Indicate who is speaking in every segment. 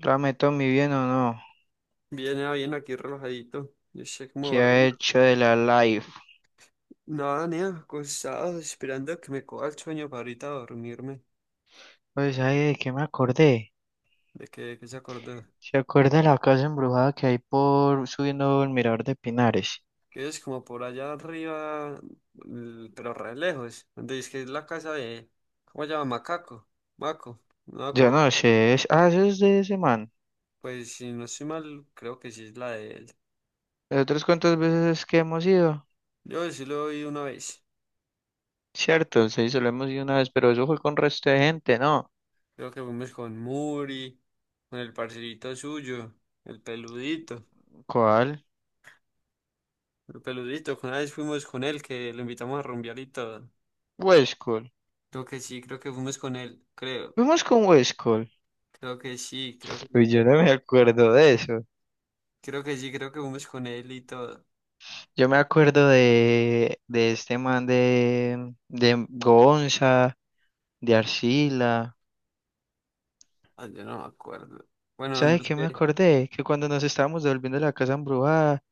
Speaker 1: Rame Tommy, ¿bien o no?
Speaker 2: Bien, bien, aquí relajadito. Yo sé cómo
Speaker 1: ¿Qué
Speaker 2: va
Speaker 1: ha
Speaker 2: bien.
Speaker 1: hecho de la live?
Speaker 2: Nada, ni acostado, esperando a que me coja el sueño para ahorita dormirme.
Speaker 1: Pues, ay, ¿de qué me acordé?
Speaker 2: ¿De que se acordó?
Speaker 1: ¿Se acuerda de la casa embrujada que hay por subiendo el mirador de Pinares?
Speaker 2: Que es como por allá arriba, pero re lejos. Donde dice que es la casa de... ¿Cómo se llama? Macaco. Maco. No me
Speaker 1: Yo
Speaker 2: acuerdo.
Speaker 1: no sé, es... eso es de ese man.
Speaker 2: Pues si no estoy mal, creo que sí es la de él.
Speaker 1: ¿De otras cuántas veces que hemos ido?
Speaker 2: Yo sí lo vi una vez.
Speaker 1: Cierto, sí, solo hemos ido una vez, pero eso fue con resto de gente, ¿no?
Speaker 2: Creo que fuimos con Muri, con el parcerito suyo, el peludito.
Speaker 1: ¿Cuál?
Speaker 2: El peludito, una vez fuimos con él, que lo invitamos a rumbear y todo.
Speaker 1: Westcol.
Speaker 2: Creo que sí, creo que fuimos con él, creo,
Speaker 1: Fuimos con Westcol.
Speaker 2: creo que sí,
Speaker 1: Pues yo no me acuerdo de eso.
Speaker 2: creo que sí, creo que fuimos con él y todo.
Speaker 1: Yo me acuerdo de este man de Gonza, de Arcila.
Speaker 2: Ah, yo no me acuerdo. Bueno, no
Speaker 1: ¿Sabes qué me
Speaker 2: sé.
Speaker 1: acordé? Que cuando nos estábamos devolviendo a la casa embrujada,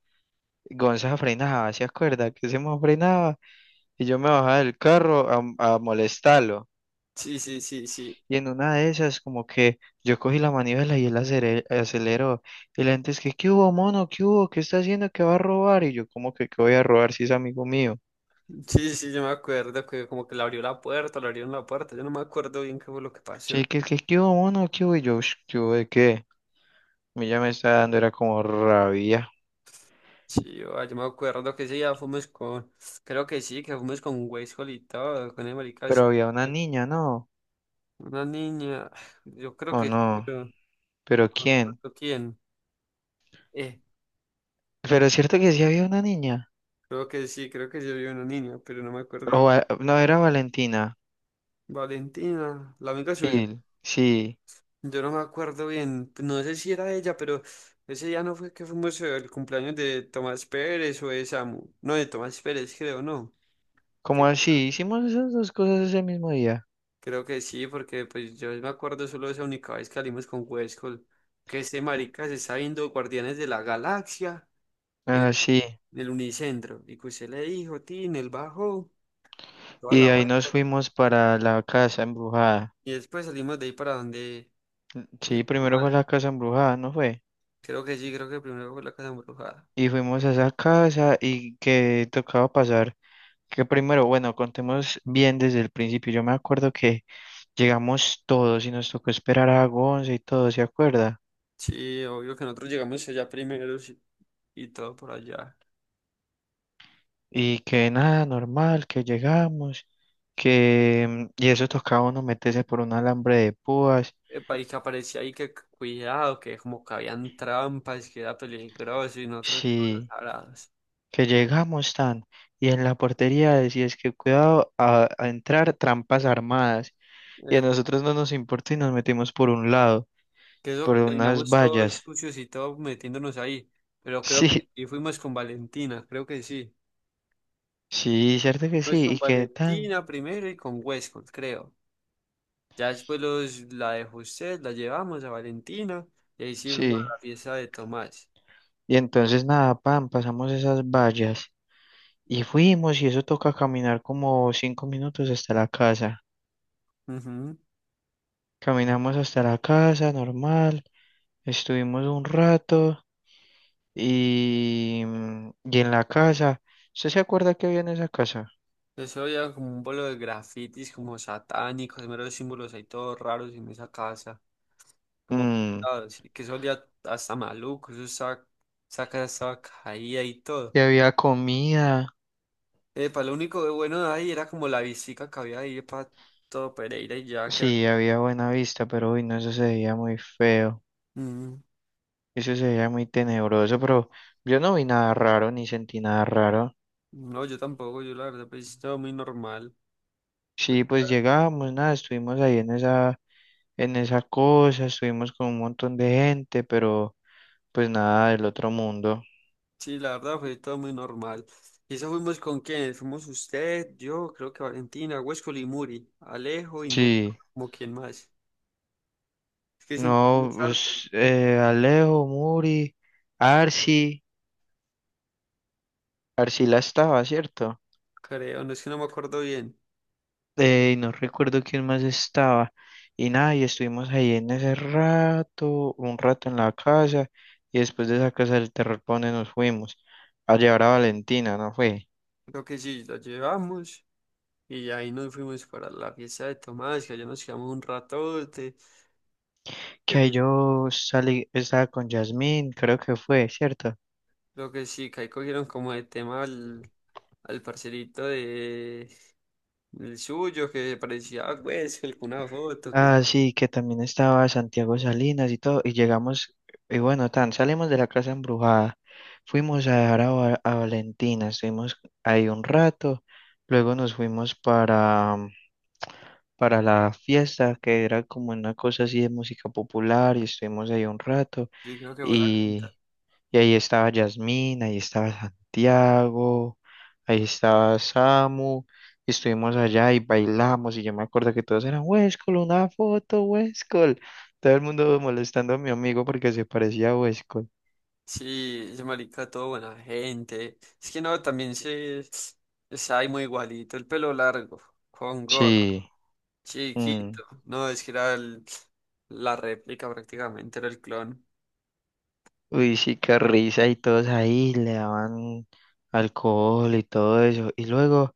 Speaker 1: Gonza frenaba, ¿se acuerda? Que se me frenaba y yo me bajaba del carro a molestarlo.
Speaker 2: Sí, sí, sí, sí.
Speaker 1: Y en una de esas, como que yo cogí la manivela y él aceleró. Y la gente es que, ¿qué hubo, mono? ¿Qué hubo? ¿Qué está haciendo? ¿Qué va a robar? Y yo, como que, ¿qué voy a robar si es amigo mío?
Speaker 2: Sí, sí, sí, yo me acuerdo que como que le abrió la puerta, le abrieron la puerta, yo no me acuerdo bien qué fue lo que
Speaker 1: Sí,
Speaker 2: pasó.
Speaker 1: que, ¿qué hubo, mono? ¿Qué hubo? Y yo, "Ush, ¿qué hubo de qué? A mí ya me estaba dando, era como rabia.
Speaker 2: Sí, yo, yo me acuerdo que sí, ya fuimos con, creo que sí, que fuimos con Weishol y todo, con el marica de
Speaker 1: Pero había una niña, ¿no?
Speaker 2: una niña, yo creo
Speaker 1: ¿O
Speaker 2: que sí,
Speaker 1: no?
Speaker 2: pero no
Speaker 1: ¿Pero
Speaker 2: me
Speaker 1: quién?
Speaker 2: acuerdo quién. Eh,
Speaker 1: Pero es cierto que sí había una niña.
Speaker 2: Creo que sí, creo que yo vi una niña, pero no me acuerdo.
Speaker 1: No, era Valentina.
Speaker 2: Valentina, la amiga suya.
Speaker 1: Sí, sí.
Speaker 2: Yo no me acuerdo bien, no sé si era ella, pero ese día no fue que fuimos al cumpleaños de Tomás Pérez o de Samu. No, de Tomás Pérez, creo, no.
Speaker 1: Como
Speaker 2: Que-
Speaker 1: así, hicimos esas dos cosas ese mismo día.
Speaker 2: creo que sí, porque pues yo me acuerdo solo de esa única vez que salimos con Huescol, que ese marica se está viendo Guardianes de la Galaxia en,
Speaker 1: Ah, sí.
Speaker 2: en el Unicentro. Y que usted le dijo, Tin, él bajó, toda
Speaker 1: Y
Speaker 2: la
Speaker 1: de ahí
Speaker 2: vuelta.
Speaker 1: nos fuimos para la casa embrujada.
Speaker 2: Y después salimos de ahí para donde... donde
Speaker 1: Sí, primero fue la casa embrujada, ¿no fue?
Speaker 2: creo que sí, creo que primero fue la casa embrujada.
Speaker 1: Y fuimos a esa casa y que tocaba pasar. Que primero, bueno, contemos bien desde el principio. Yo me acuerdo que llegamos todos y nos tocó esperar a Gonza y todo, ¿se acuerda?
Speaker 2: Sí, obvio que nosotros llegamos allá primero sí, y todo por allá.
Speaker 1: Y que nada, normal, que llegamos, que... y eso tocaba uno meterse por un alambre de púas.
Speaker 2: El país que aparecía ahí, que cuidado, que como que habían trampas, que era peligroso y nosotros todos
Speaker 1: Sí,
Speaker 2: abrados.
Speaker 1: que llegamos tan. Y en la portería decías que cuidado a entrar trampas armadas. Y a
Speaker 2: Eh,
Speaker 1: nosotros no nos importa y nos metimos por un lado,
Speaker 2: que
Speaker 1: por
Speaker 2: eso
Speaker 1: unas
Speaker 2: terminamos todos
Speaker 1: vallas.
Speaker 2: sucios y todos metiéndonos ahí. Pero creo
Speaker 1: Sí,
Speaker 2: que y fuimos con Valentina, creo que sí.
Speaker 1: sí, cierto que sí.
Speaker 2: Fuimos
Speaker 1: Y
Speaker 2: con
Speaker 1: que tan.
Speaker 2: Valentina primero y con Westcott, creo. Ya después los, la de José, la llevamos a Valentina y ahí sí fuimos
Speaker 1: Sí.
Speaker 2: a la fiesta de Tomás.
Speaker 1: Y entonces nada, pan, pasamos esas vallas. Y fuimos y eso toca caminar como 5 minutos hasta la casa. Caminamos hasta la casa, normal, estuvimos un rato y, y en la casa, ¿usted se acuerda que había en esa casa?
Speaker 2: Eso había como un pueblo de grafitis, como satánicos, meros símbolos ahí todos raros en esa casa, como
Speaker 1: Mm,
Speaker 2: pintados, y que eso olía hasta maluco, eso estaba, esa casa estaba caída y todo.
Speaker 1: y había comida,
Speaker 2: Para lo único de bueno de ahí era como la visita que había ahí para todo Pereira y ya que...
Speaker 1: sí, había buena vista, pero uy, no, eso se veía muy feo,
Speaker 2: Mm,
Speaker 1: eso se veía muy tenebroso, pero yo no vi nada raro ni sentí nada raro.
Speaker 2: no, yo tampoco, yo la verdad pues todo muy normal.
Speaker 1: Sí, pues llegamos, nada, estuvimos ahí en esa cosa, estuvimos con un montón de gente, pero pues nada del otro mundo.
Speaker 2: Sí, la verdad fue todo muy normal. ¿Y eso fuimos con quién? Fuimos usted, yo, creo que Valentina, Huesco y Muri, Alejo y no,
Speaker 1: Sí.
Speaker 2: como quién más. Es que siempre
Speaker 1: No,
Speaker 2: fuimos hartos,
Speaker 1: pues Alejo, Muri, Arsi, Arcila estaba, ¿cierto?
Speaker 2: creo, no es que no me acuerdo bien.
Speaker 1: Y no recuerdo quién más estaba. Y nada, y estuvimos ahí en ese rato, un rato en la casa, y después de esa casa del terror, ¿pa' dónde nos fuimos? A llevar a Valentina, ¿no fue?
Speaker 2: Creo que sí, lo llevamos y ahí nos fuimos para la fiesta de Tomás, que allá nos quedamos un ratote. que
Speaker 1: Que ahí
Speaker 2: cu-
Speaker 1: yo salí, estaba con Yasmín, creo que fue, ¿cierto?
Speaker 2: Creo que sí, que ahí cogieron como de tema al, al parcerito de el suyo, que parecía, pues, una foto, que
Speaker 1: Ah, sí, que también estaba Santiago Salinas y todo, y llegamos, y bueno, tan, salimos de la casa embrujada, fuimos a dejar Va- a Valentina, estuvimos ahí un rato, luego nos fuimos para, para la fiesta, que era como una cosa así de música popular, y estuvimos ahí un rato,
Speaker 2: yo creo que fue la quinta.
Speaker 1: y ahí estaba Yasmín, ahí estaba Santiago, ahí estaba Samu, y estuvimos allá y bailamos, y yo me acuerdo que todos eran, Huescol, una foto, Huescol. Todo el mundo molestando a mi amigo porque se parecía a Huescol.
Speaker 2: Sí, ese marica, todo buena gente. Es que no, también se... Está ahí muy igualito, el pelo largo, con gorro.
Speaker 1: Sí, mm.
Speaker 2: Chiquito. No, es que era la réplica prácticamente, era el clon.
Speaker 1: Uy, sí, qué risa, y todos ahí le daban alcohol y todo eso. Y luego,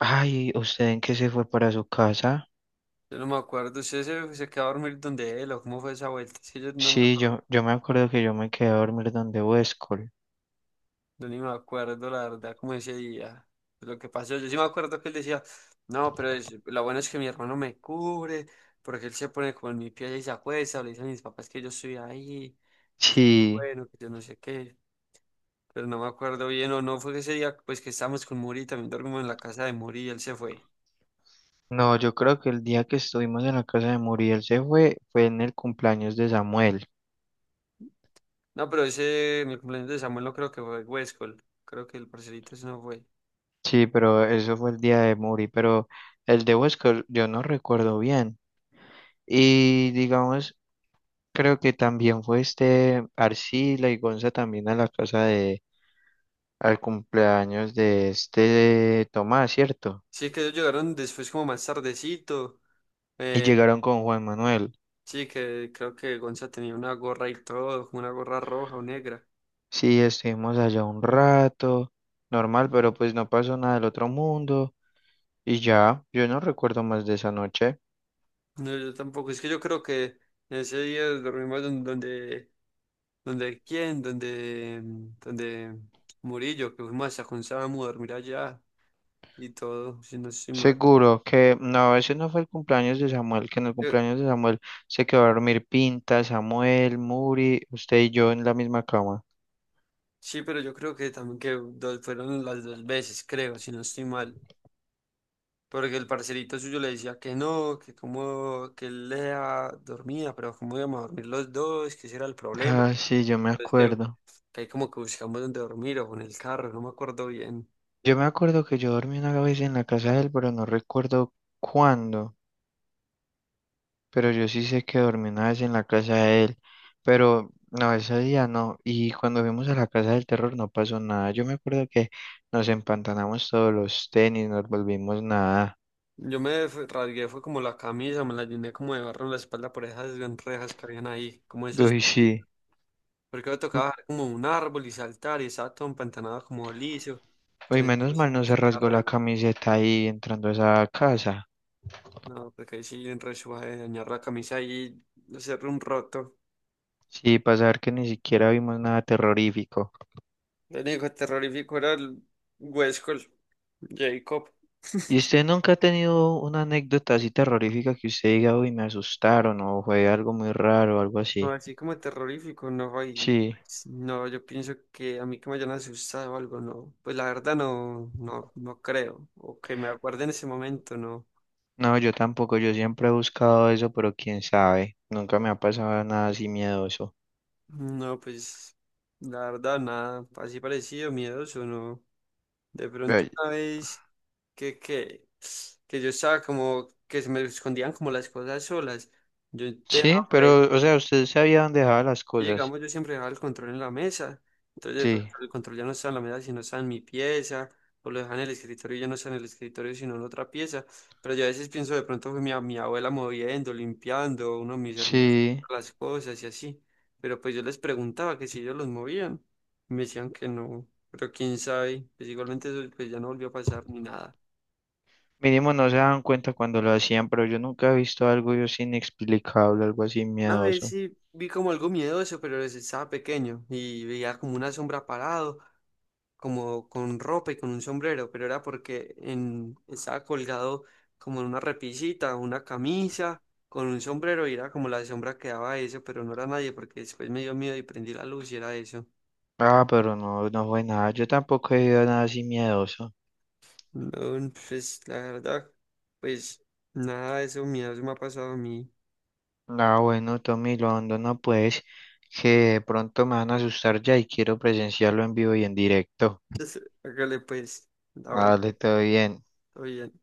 Speaker 1: ay, ¿usted en qué se fue para su casa?
Speaker 2: Yo no me acuerdo, ¿usted se quedó a dormir donde él o cómo fue esa vuelta? Es que yo no me
Speaker 1: Sí,
Speaker 2: acuerdo,
Speaker 1: yo me acuerdo que yo me quedé a dormir donde Huescol.
Speaker 2: yo ni me acuerdo la verdad cómo ese día, lo que pasó. Yo sí me acuerdo que él decía, no, pero lo bueno es que mi hermano me cubre, porque él se pone como en mi pie y se acuesta, o le dicen a mis papás que yo estoy ahí, es muy
Speaker 1: Sí.
Speaker 2: bueno, que yo no sé qué. Pero no me acuerdo bien, o no fue ese día, pues que estábamos con Muri, también dormimos en la casa de Muri y él se fue.
Speaker 1: No, yo creo que el día que estuvimos en la casa de Muriel se fue, fue en el cumpleaños de Samuel.
Speaker 2: No, pero ese, en el cumpleaños de Samuel no creo que fue Huescol. Creo que el parcerito ese no fue.
Speaker 1: Sí, pero eso fue el día de Muri, pero el de Huesca yo no recuerdo bien. Y digamos, creo que también fue este Arcila y Gonza también a la casa de, al cumpleaños de este Tomás, ¿cierto?
Speaker 2: Sí, que ellos llegaron después como más tardecito.
Speaker 1: Y
Speaker 2: Eh,
Speaker 1: llegaron con Juan Manuel.
Speaker 2: sí, que creo que Gonza tenía una gorra y todo, como una gorra roja o negra.
Speaker 1: Sí, estuvimos allá un rato, normal, pero pues no pasó nada del otro mundo. Y ya, yo no recuerdo más de esa noche.
Speaker 2: No, yo tampoco. Es que yo creo que ese día dormimos donde, donde, quién, donde, donde Murillo, que fuimos hasta con Samu a dormir allá y todo, si no estoy mal.
Speaker 1: Seguro que no, ese no fue el cumpleaños de Samuel, que en el
Speaker 2: Eh,
Speaker 1: cumpleaños de Samuel se quedó a dormir Pinta, Samuel, Muri, usted y yo en la misma cama.
Speaker 2: sí, pero yo creo que también que fueron las dos veces, creo, si no estoy mal. Porque el parcerito suyo le decía que no, que como, que él lea dormía, pero cómo íbamos a dormir los dos, que ese era el problema.
Speaker 1: Ah, sí, yo me
Speaker 2: Entonces
Speaker 1: acuerdo.
Speaker 2: que ahí como que buscamos dónde dormir o en el carro, no me acuerdo bien.
Speaker 1: Yo me acuerdo que yo dormí una vez en la casa de él, pero no recuerdo cuándo, pero yo sí sé que dormí una vez en la casa de él, pero no, ese día no, y cuando fuimos a la casa del terror no pasó nada. Yo me acuerdo que nos empantanamos todos los tenis, nos volvimos nada.
Speaker 2: Yo me rasgué, fue como la camisa, me la llené como de barro en la espalda por esas gran rejas que habían ahí. Como esos,
Speaker 1: Uy, sí.
Speaker 2: porque me tocaba bajar como un árbol y saltar y estaba todo empantanado como liso.
Speaker 1: Uy,
Speaker 2: Entonces
Speaker 1: menos
Speaker 2: no sé,
Speaker 1: mal no
Speaker 2: pues,
Speaker 1: se
Speaker 2: salía
Speaker 1: rasgó la
Speaker 2: re-
Speaker 1: camiseta ahí entrando a esa casa.
Speaker 2: No, porque ahí sí en re suave dañar la camisa y hacer un roto.
Speaker 1: Sí, para saber que ni siquiera vimos nada terrorífico.
Speaker 2: El hijo terrorífico era el Westcol, Jacob.
Speaker 1: ¿Y usted nunca ha tenido una anécdota así terrorífica que usted diga, uy, me asustaron o fue algo muy raro o algo
Speaker 2: No,
Speaker 1: así?
Speaker 2: así como terrorífico, no, y
Speaker 1: Sí,
Speaker 2: pues, no, yo pienso que a mí que me hayan asustado o algo, no, pues la verdad no, no, no creo, o que me acuerde en ese momento, no,
Speaker 1: no, yo tampoco, yo siempre he buscado eso, pero quién sabe, nunca me ha pasado nada así miedoso.
Speaker 2: no, pues la verdad nada, así parecido, miedoso, no, de pronto
Speaker 1: Ay,
Speaker 2: una vez que, que, que yo estaba como, que se me escondían como las cosas solas, yo
Speaker 1: sí,
Speaker 2: dejaba.
Speaker 1: pero, o sea, usted sabía dónde dejaba las
Speaker 2: Y
Speaker 1: cosas.
Speaker 2: digamos, yo siempre dejaba el control en la mesa. Entonces, de pronto,
Speaker 1: Sí,
Speaker 2: el control ya no está en la mesa, sino está en mi pieza. O lo dejan en el escritorio y ya no está en el escritorio, sino en otra pieza. Pero yo a veces pienso, de pronto fue mi, mi abuela moviendo, limpiando, uno de mis hermanos,
Speaker 1: sí.
Speaker 2: las cosas y así. Pero pues yo les preguntaba que si ellos los movían y me decían que no. Pero quién sabe. Pues igualmente eso pues ya no volvió a pasar ni nada.
Speaker 1: Mínimo no se daban cuenta cuando lo hacían, pero yo nunca he visto algo yo así inexplicable, algo así
Speaker 2: Una vez
Speaker 1: miedoso.
Speaker 2: sí vi como algo miedoso, pero pues, estaba pequeño y veía como una sombra parado, como con ropa y con un sombrero, pero era porque en, estaba colgado como en una repisita, una camisa, con un sombrero y era como la sombra que daba eso, pero no era nadie porque después me dio miedo y prendí la luz y era eso.
Speaker 1: Ah, pero no, no fue nada. Yo tampoco he ido a nada así miedoso.
Speaker 2: No, pues la verdad, pues nada de eso miedo se me ha pasado a mí.
Speaker 1: Ah, bueno, Tommy Londo, no pues, que de pronto me van a asustar ya y quiero presenciarlo en vivo y en directo.
Speaker 2: Hágale pues, ah bueno,
Speaker 1: Dale, todo bien.
Speaker 2: todo bien.